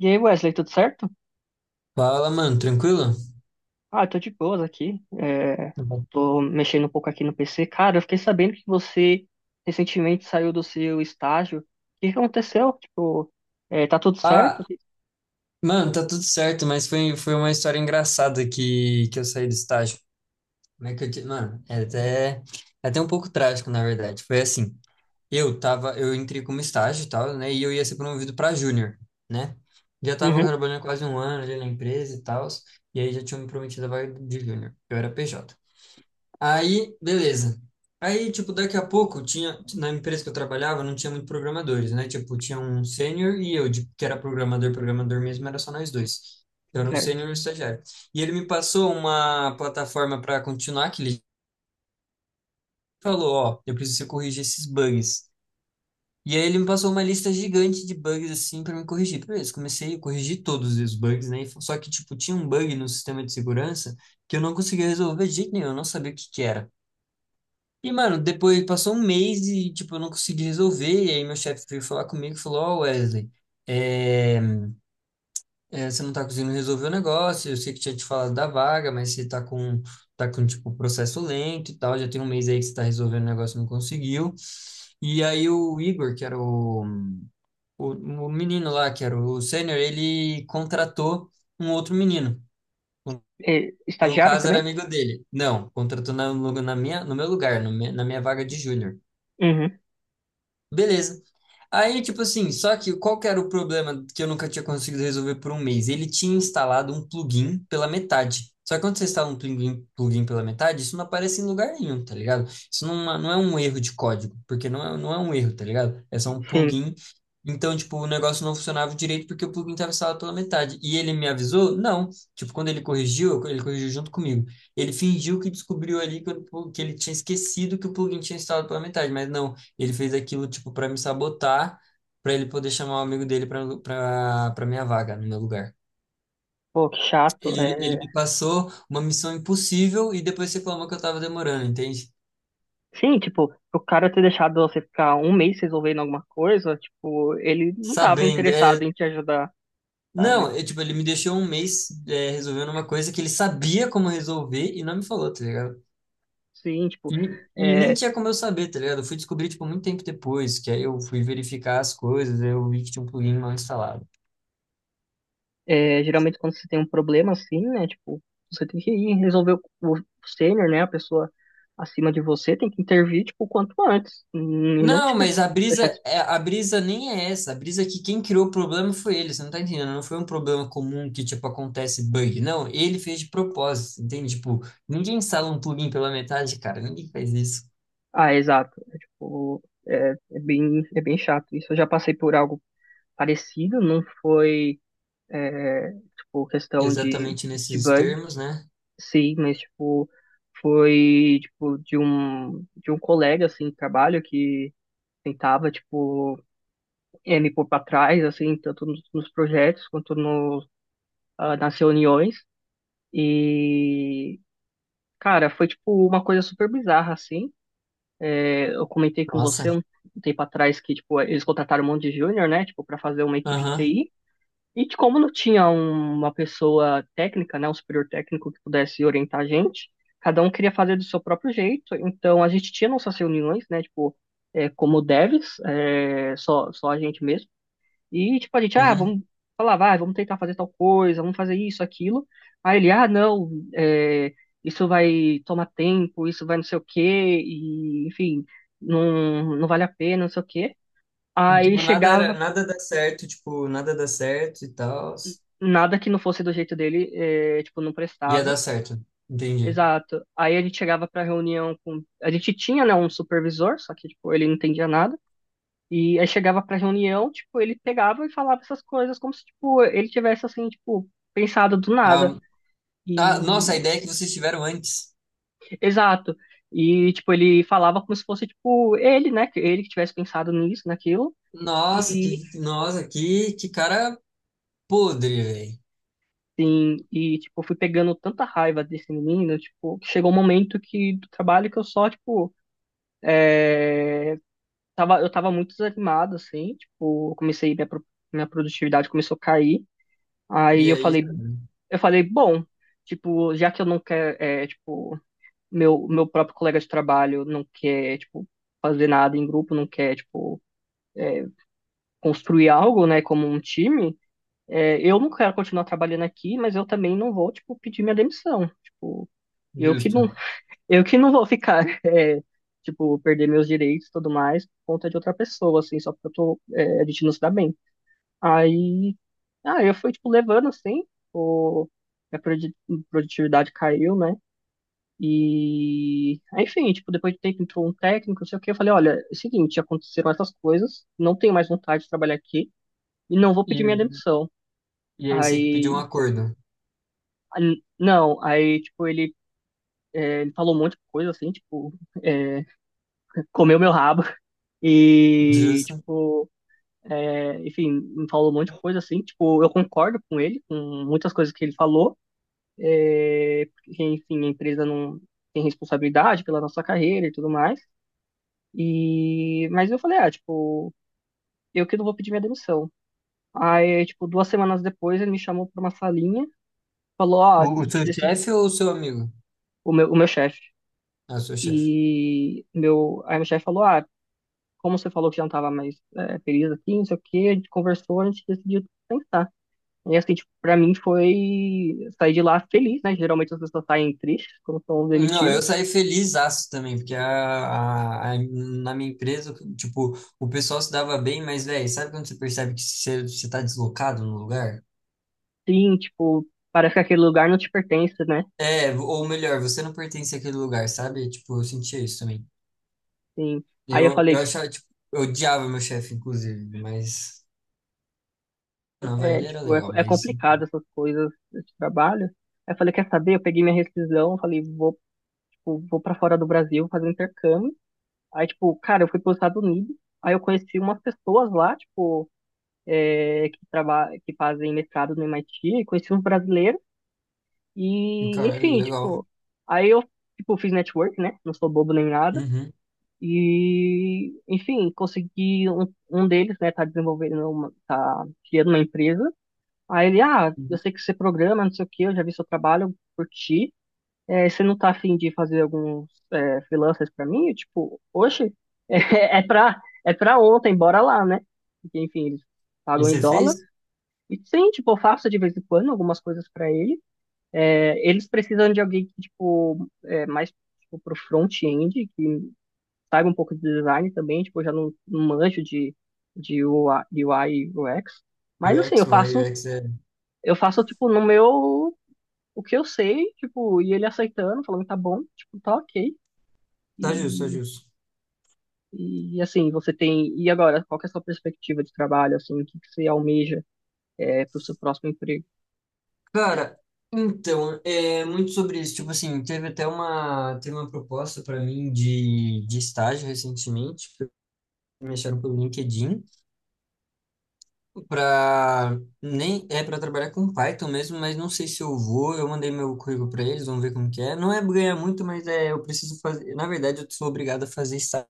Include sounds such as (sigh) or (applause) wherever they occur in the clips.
E aí, Wesley, tudo certo? Fala, mano, tranquilo? Ah, eu tô de boas aqui. Uhum. Tô mexendo um pouco aqui no PC. Cara, eu fiquei sabendo que você recentemente saiu do seu estágio. O que que aconteceu? Tipo, tá tudo certo? Ah, mano, tá tudo certo, mas foi uma história engraçada que eu saí do estágio. Como é que eu te... Mano, é até um pouco trágico, na verdade. Foi assim, eu entrei como estágio e tal, né? E eu ia ser promovido pra júnior, né? Já tava Uhum, trabalhando quase um ano ali na empresa e tal, e aí já tinham me prometido a vaga de júnior. Eu era PJ. Aí, beleza. Aí, tipo, daqui a pouco tinha, na empresa que eu trabalhava, não tinha muito programadores, né? Tipo, tinha um sênior e eu, que era programador, programador mesmo, era só nós dois. Eu era um certo. sênior e um estagiário. E ele me passou uma plataforma para continuar, que ele falou, ó, eu preciso corrigir esses bugs. E aí ele me passou uma lista gigante de bugs, assim, para me corrigir. Beleza, comecei a corrigir todos os bugs, né? Só que, tipo, tinha um bug no sistema de segurança que eu não conseguia resolver de jeito nenhum, eu não sabia o que que era. E, mano, depois passou um mês e, tipo, eu não consegui resolver. E aí meu chefe veio falar comigo e falou, ó, Wesley, é, você não tá conseguindo resolver o negócio, eu sei que tinha te falado da vaga, mas você tá com, tipo, processo lento e tal, já tem um mês aí que você tá resolvendo o negócio e não conseguiu. E aí o Igor, que era o menino lá, que era o sênior, ele contratou um outro menino. É, No estagiário caso, era também? amigo dele. Não, contratou na, no- na minha, no meu lugar, no me- na minha vaga de júnior. Uhum, Beleza. Aí, tipo assim, só que qual que era o problema que eu nunca tinha conseguido resolver por um mês? Ele tinha instalado um plugin pela metade. Só que quando você instala um plugin pela metade, isso não aparece em lugar nenhum, tá ligado? Não é um erro de código, porque não é um erro, tá ligado? É só um sim. plugin. Então, tipo, o negócio não funcionava direito porque o plugin estava instalado pela metade. E ele me avisou? Não. Tipo, quando ele corrigiu junto comigo. Ele fingiu que descobriu ali que, que ele tinha esquecido que o plugin tinha instalado pela metade, mas não, ele fez aquilo, tipo, para me sabotar, para ele poder chamar o amigo dele para minha vaga, no meu lugar. Pô, que chato. Ele É, me passou uma missão impossível e depois reclamou que eu tava demorando, entende? sim, tipo, o cara ter deixado você ficar 1 mês resolvendo alguma coisa, tipo, ele não tava Sabendo, é... interessado em te ajudar, sabe? Não, é, tipo, ele me deixou um mês, é, resolvendo uma coisa que ele sabia como resolver e não me falou, tá ligado? Sim, tipo. E nem É. tinha como eu saber, tá ligado? Eu fui descobrir, tipo, muito tempo depois, que aí eu fui verificar as coisas, aí eu vi que tinha um plugin mal instalado. É, geralmente quando você tem um problema assim, né? Tipo, você tem que ir resolver o sênior, né? A pessoa acima de você tem que intervir, tipo, o quanto antes. E não Não, te mas deixar... des- a brisa nem é essa. A brisa é que quem criou o problema foi ele. Você não tá entendendo? Não foi um problema comum que, tipo, acontece bug. Não, ele fez de propósito, entende? Tipo, ninguém instala um plugin pela metade, cara. Ninguém faz isso. Ah, exato. É, tipo, é bem, é bem chato. Isso eu já passei por algo parecido, não foi, é, tipo, questão Exatamente de nesses bug, termos, né? sim, mas, tipo, foi, tipo, de de um colega, assim, de trabalho que tentava, tipo me pôr para trás, assim, tanto nos, nos projetos quanto no, ah, nas reuniões. E, cara, foi, tipo, uma coisa super bizarra, assim. Eu comentei com Nossa. você um tempo atrás que, tipo, eles contrataram um monte de júnior, né, tipo, para fazer uma equipe de Aham. TI. E de como não tinha um- uma pessoa técnica, né, um superior técnico que pudesse orientar a gente, cada um queria fazer do seu próprio jeito. Então, a gente tinha nossas reuniões, né, tipo, como devs, só a gente mesmo. E, tipo, a gente, ah, Uhum. vamos falar, vai, vamos tentar fazer tal coisa, vamos fazer isso, aquilo. Aí ele, ah, não, é, isso vai tomar tempo, isso vai não sei o quê, e, enfim, não, não vale a pena, não sei o quê. E, Aí ele tipo, chegava, nada dá certo, tipo, nada dá certo e tal. nada que não fosse do jeito dele, é, tipo, não Ia prestava. dar certo. Entendi. Exato. Aí a gente chegava pra reunião com. A gente tinha, né, um supervisor, só que, tipo, ele não entendia nada. E aí chegava pra reunião, tipo, ele pegava e falava essas coisas como se, tipo, ele tivesse, assim, tipo, pensado do nada. Ah, ah, nossa, a E, ideia é que vocês tiveram antes. exato. E, tipo, ele falava como se fosse, tipo, ele, né? Que ele que tivesse pensado nisso, naquilo. E, Nossa, que cara podre, velho. sim, e, tipo, eu fui pegando tanta raiva desse menino, tipo, que chegou um momento que, do trabalho que eu só, tipo, é, tava, eu tava muito desanimado, assim, tipo, eu comecei, minha, pro- minha produtividade começou a cair. Aí E eu aí, falei, bom, tipo, já que eu não quero, é, tipo, meu próprio colega de trabalho não quer, tipo, fazer nada em grupo, não quer, tipo, construir algo, né, como um time, é, eu não quero continuar trabalhando aqui, mas eu também não vou, tipo, pedir minha demissão. Tipo, eu que justo. não, eu que não vou ficar, (laughs) é, tipo, perder meus direitos e tudo mais por conta de outra pessoa, assim, só porque eu tô, é, a gente não se dá bem. Aí, ah, eu fui, tipo, levando, assim, o, minha produ- produtividade caiu, né? E, aí, enfim, tipo, depois de um tempo entrou um técnico, não sei o quê, eu falei, olha, é o seguinte, aconteceram essas coisas, não tenho mais vontade de trabalhar aqui, e não vou E, pedir minha demissão. e aí você que pediu um Aí, acordo. a- não, aí, tipo, ele, é, ele falou um monte de coisa, assim, tipo, (laughs) comeu meu rabo e, Justo. tipo, é, enfim, me falou um monte de coisa, assim, tipo, eu concordo com ele, com muitas coisas que ele falou, é, porque, enfim, a empresa não tem responsabilidade pela nossa carreira e tudo mais, e, mas eu falei, ah, tipo, eu que não vou pedir minha demissão. Aí, tipo, 2 semanas depois, ele me chamou pra uma salinha, falou, ó, eu O te seu deci- chefe ou o seu amigo? O meu chefe. Ah, o seu chefe. E meu, aí meu chefe falou, ah, como você falou que já não estava mais é, feliz aqui, não sei o quê, a gente conversou, a gente decidiu tentar. E assim, tipo, pra mim foi sair de lá feliz, né? Geralmente as pessoas saem tristes quando são Não, demitidas. eu saí feliz aço também, porque na minha empresa, tipo, o pessoal se dava bem, mas, velho, sabe quando você percebe que você tá deslocado no lugar? Sim, tipo, parece que aquele lugar não te pertence, né? É, ou melhor, você não pertence àquele lugar, sabe? Tipo, eu sentia isso também. Sim. Aí eu Eu falei, achava, tipo, eu odiava meu chefe, inclusive, mas... Não, velho, é, ele era tipo, legal, é mas... complicado essas coisas, esse trabalho. Aí eu falei, quer saber? Eu peguei minha rescisão, falei, vou, tipo, vou para fora do Brasil fazer um intercâmbio. Aí, tipo, cara, eu fui para os Estados Unidos, aí eu conheci umas pessoas lá, tipo, é, que trabalham, que fazem mestrado no MIT, e conheci uns brasileiros, e, Caralho, enfim, legal. tipo, aí eu, tipo, fiz network, né? Não sou bobo nem nada. Uhum. E, enfim, consegui um, um deles, né, tá desenvolvendo, uma, tá criando uma empresa. Aí ele, ah, eu sei que você programa, não sei o quê, eu já vi seu trabalho, eu curti é, você não tá afim de fazer alguns é, freelancers pra mim? Eu, tipo, oxe, (laughs) é, é pra ontem, bora lá, né? Porque, enfim, eles E pagam em você dólar. fez E sim, tipo, eu faço de vez em quando algumas coisas pra ele. É, eles precisam de alguém que, tipo, é, mais tipo, pro front-end, que saiba um pouco de design também, tipo, eu já não, não manjo de UI e UX. Mas assim, UX, o UX é. eu faço, tipo, no meu, o que eu sei, tipo, e ele aceitando, falando tá bom, tipo, tá ok. Tá justo, tá E, justo. e assim, você tem. E agora, qual que é a sua perspectiva de trabalho? Assim, o que que você almeja é, para o seu próximo emprego? Cara, então, é muito sobre isso. Tipo assim, teve uma proposta para mim de estágio recentemente, que me acharam pelo LinkedIn, para nem é para trabalhar com Python mesmo, mas não sei se eu vou. Eu mandei meu currículo para eles, vamos ver como que é. Não é ganhar muito, mas é, eu preciso fazer. Na verdade, eu sou obrigado a fazer estágio,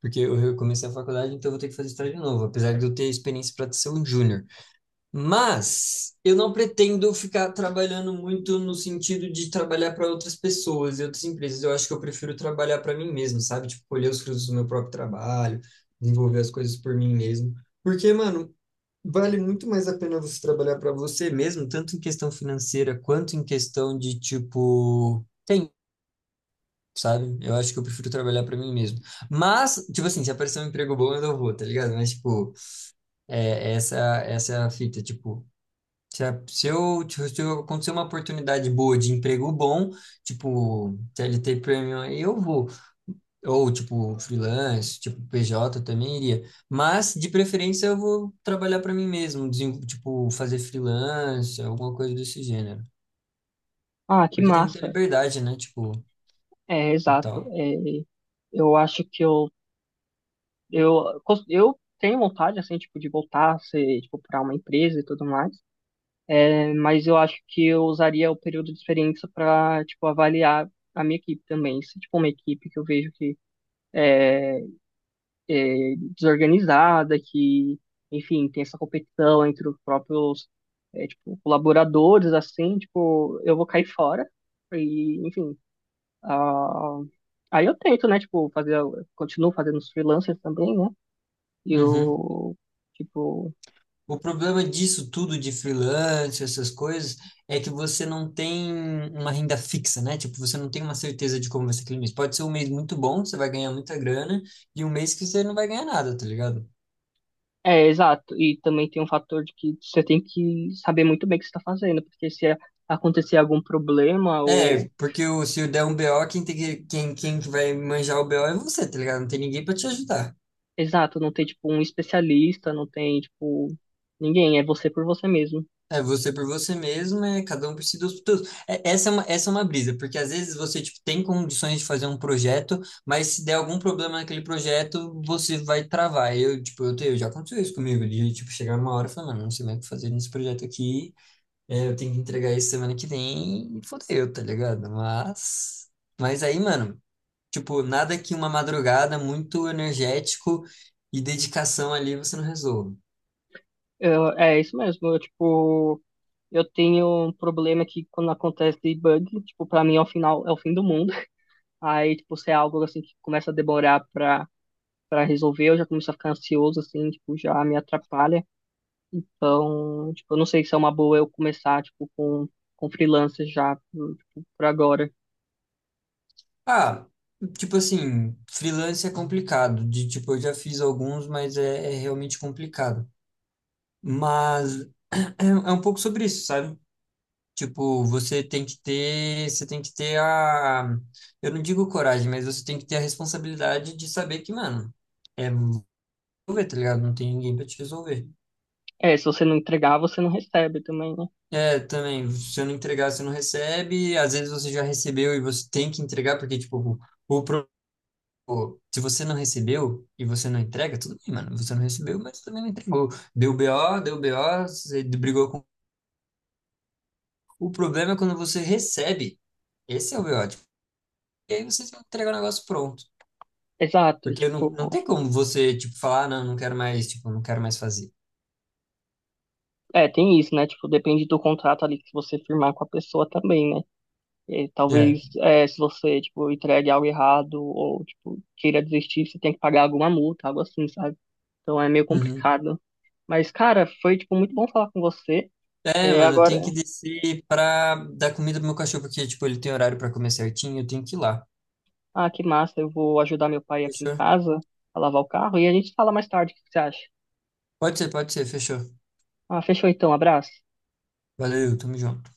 porque eu comecei a faculdade, então eu vou ter que fazer estágio de novo, apesar de eu ter experiência para ser um júnior. Mas eu não pretendo ficar trabalhando muito no sentido de trabalhar para outras pessoas e outras empresas. Eu acho que eu prefiro trabalhar para mim mesmo, sabe? Tipo, colher os frutos do meu próprio trabalho, desenvolver as coisas por mim mesmo. Porque, mano, vale muito mais a pena você trabalhar para você mesmo, tanto em questão financeira quanto em questão de, tipo, tempo, sabe? Eu acho que eu prefiro trabalhar para mim mesmo. Mas, tipo assim, se aparecer um emprego bom, eu não vou, tá ligado? Mas, tipo, é, essa, essa é a fita, tipo. Se, a- se eu, tipo, Se eu acontecer uma oportunidade boa de emprego bom, tipo CLT Premium, aí eu vou. Ou, tipo, freelance, tipo PJ, eu também iria. Mas, de preferência, eu vou trabalhar para mim mesmo, tipo, fazer freelance, alguma coisa desse gênero. Ah, que Porque tem muita massa! liberdade, né? Tipo, É, e exato. tal. É, eu acho que eu, cons- eu tenho vontade, assim, tipo, de voltar a ser, tipo, para uma empresa e tudo mais, é, mas eu acho que eu usaria o período de experiência para, tipo, avaliar a minha equipe também. Se, tipo, uma equipe que eu vejo que desorganizada, que, enfim, tem essa competição entre os próprios, é, tipo, colaboradores, assim, tipo, eu vou cair fora. E, enfim, ah, aí eu tento, né, tipo, fazer, continuo fazendo os freelancers também, né? E Uhum. eu, tipo, O problema disso tudo de freelance, essas coisas, é que você não tem uma renda fixa, né? Tipo, você não tem uma certeza de como vai ser aquele mês. Pode ser um mês muito bom, você vai ganhar muita grana, e um mês que você não vai ganhar nada, tá ligado? é, exato. E também tem um fator de que você tem que saber muito bem o que você está fazendo, porque se acontecer algum problema É, ou, porque o, se eu der um BO, quem tem quem, quem que vai manjar o BO é você, tá ligado? Não tem ninguém pra te ajudar. exato, não tem, tipo, um especialista, não tem, tipo, ninguém, é você por você mesmo. É você por você mesmo, é cada um por si, Deus por todos. É, essa é uma brisa, porque às vezes você tipo, tem condições de fazer um projeto, mas se der algum problema naquele projeto, você vai travar. Eu, tipo, eu, tenho, já aconteceu isso comigo, de tipo, chegar uma hora e falar, mano, não sei mais o que fazer nesse projeto aqui, é, eu tenho que entregar isso semana que vem, e fodeu, tá ligado? Mas aí, mano, tipo, nada que uma madrugada muito energético e dedicação ali você não resolva. Eu- é isso mesmo. Eu, tipo, eu tenho um problema que quando acontece bug, tipo, pra mim é o final, é o fim do mundo. Aí, tipo, se é algo assim que começa a demorar pra resolver, eu já começo a ficar ansioso, assim, tipo, já me atrapalha. Então, tipo, eu não sei se é uma boa eu começar, tipo, com freelancer já, tipo, por agora. Ah, tipo assim, freelance é complicado. De tipo, eu já fiz alguns, mas é realmente complicado. Mas (clears throat) é um pouco sobre isso, sabe? Tipo, você tem que ter, você tem que ter eu não digo coragem, mas você tem que ter a responsabilidade de saber que, mano, é resolver, tá ligado? Não tem ninguém pra te resolver. É, se você não entregar, você não recebe também, né? É, também, se você não entregar, você não recebe. Às vezes você já recebeu e você tem que entregar, porque, tipo, o problema. Pô, se você não recebeu e você não entrega, tudo bem, mano. Você não recebeu, mas também não entregou. Deu BO, deu BO, você brigou com. O problema é quando você recebe. Esse é o BO. Tipo, e aí você tem que entregar o negócio pronto. Exato, Porque não, tipo, não tem como você, tipo, falar, "Ah, não, não quero mais, tipo, não quero mais fazer." é, tem isso, né? Tipo, depende do contrato ali que você firmar com a pessoa também, né? E É. talvez é, se você, tipo, entregue algo errado ou, tipo, queira desistir, você tem que pagar alguma multa, algo assim, sabe? Então é meio Uhum. complicado. Mas, cara, foi, tipo, muito bom falar com você. É, É, mano, eu agora, tenho que descer pra dar comida pro meu cachorro, porque, tipo, ele tem horário pra comer certinho, eu tenho que ir lá. ah, que massa, eu vou ajudar meu pai aqui em Fechou? casa a lavar o carro e a gente fala mais tarde, o que que você acha? Pode ser, fechou. Ah, fechou então, abraço. Valeu, tamo junto.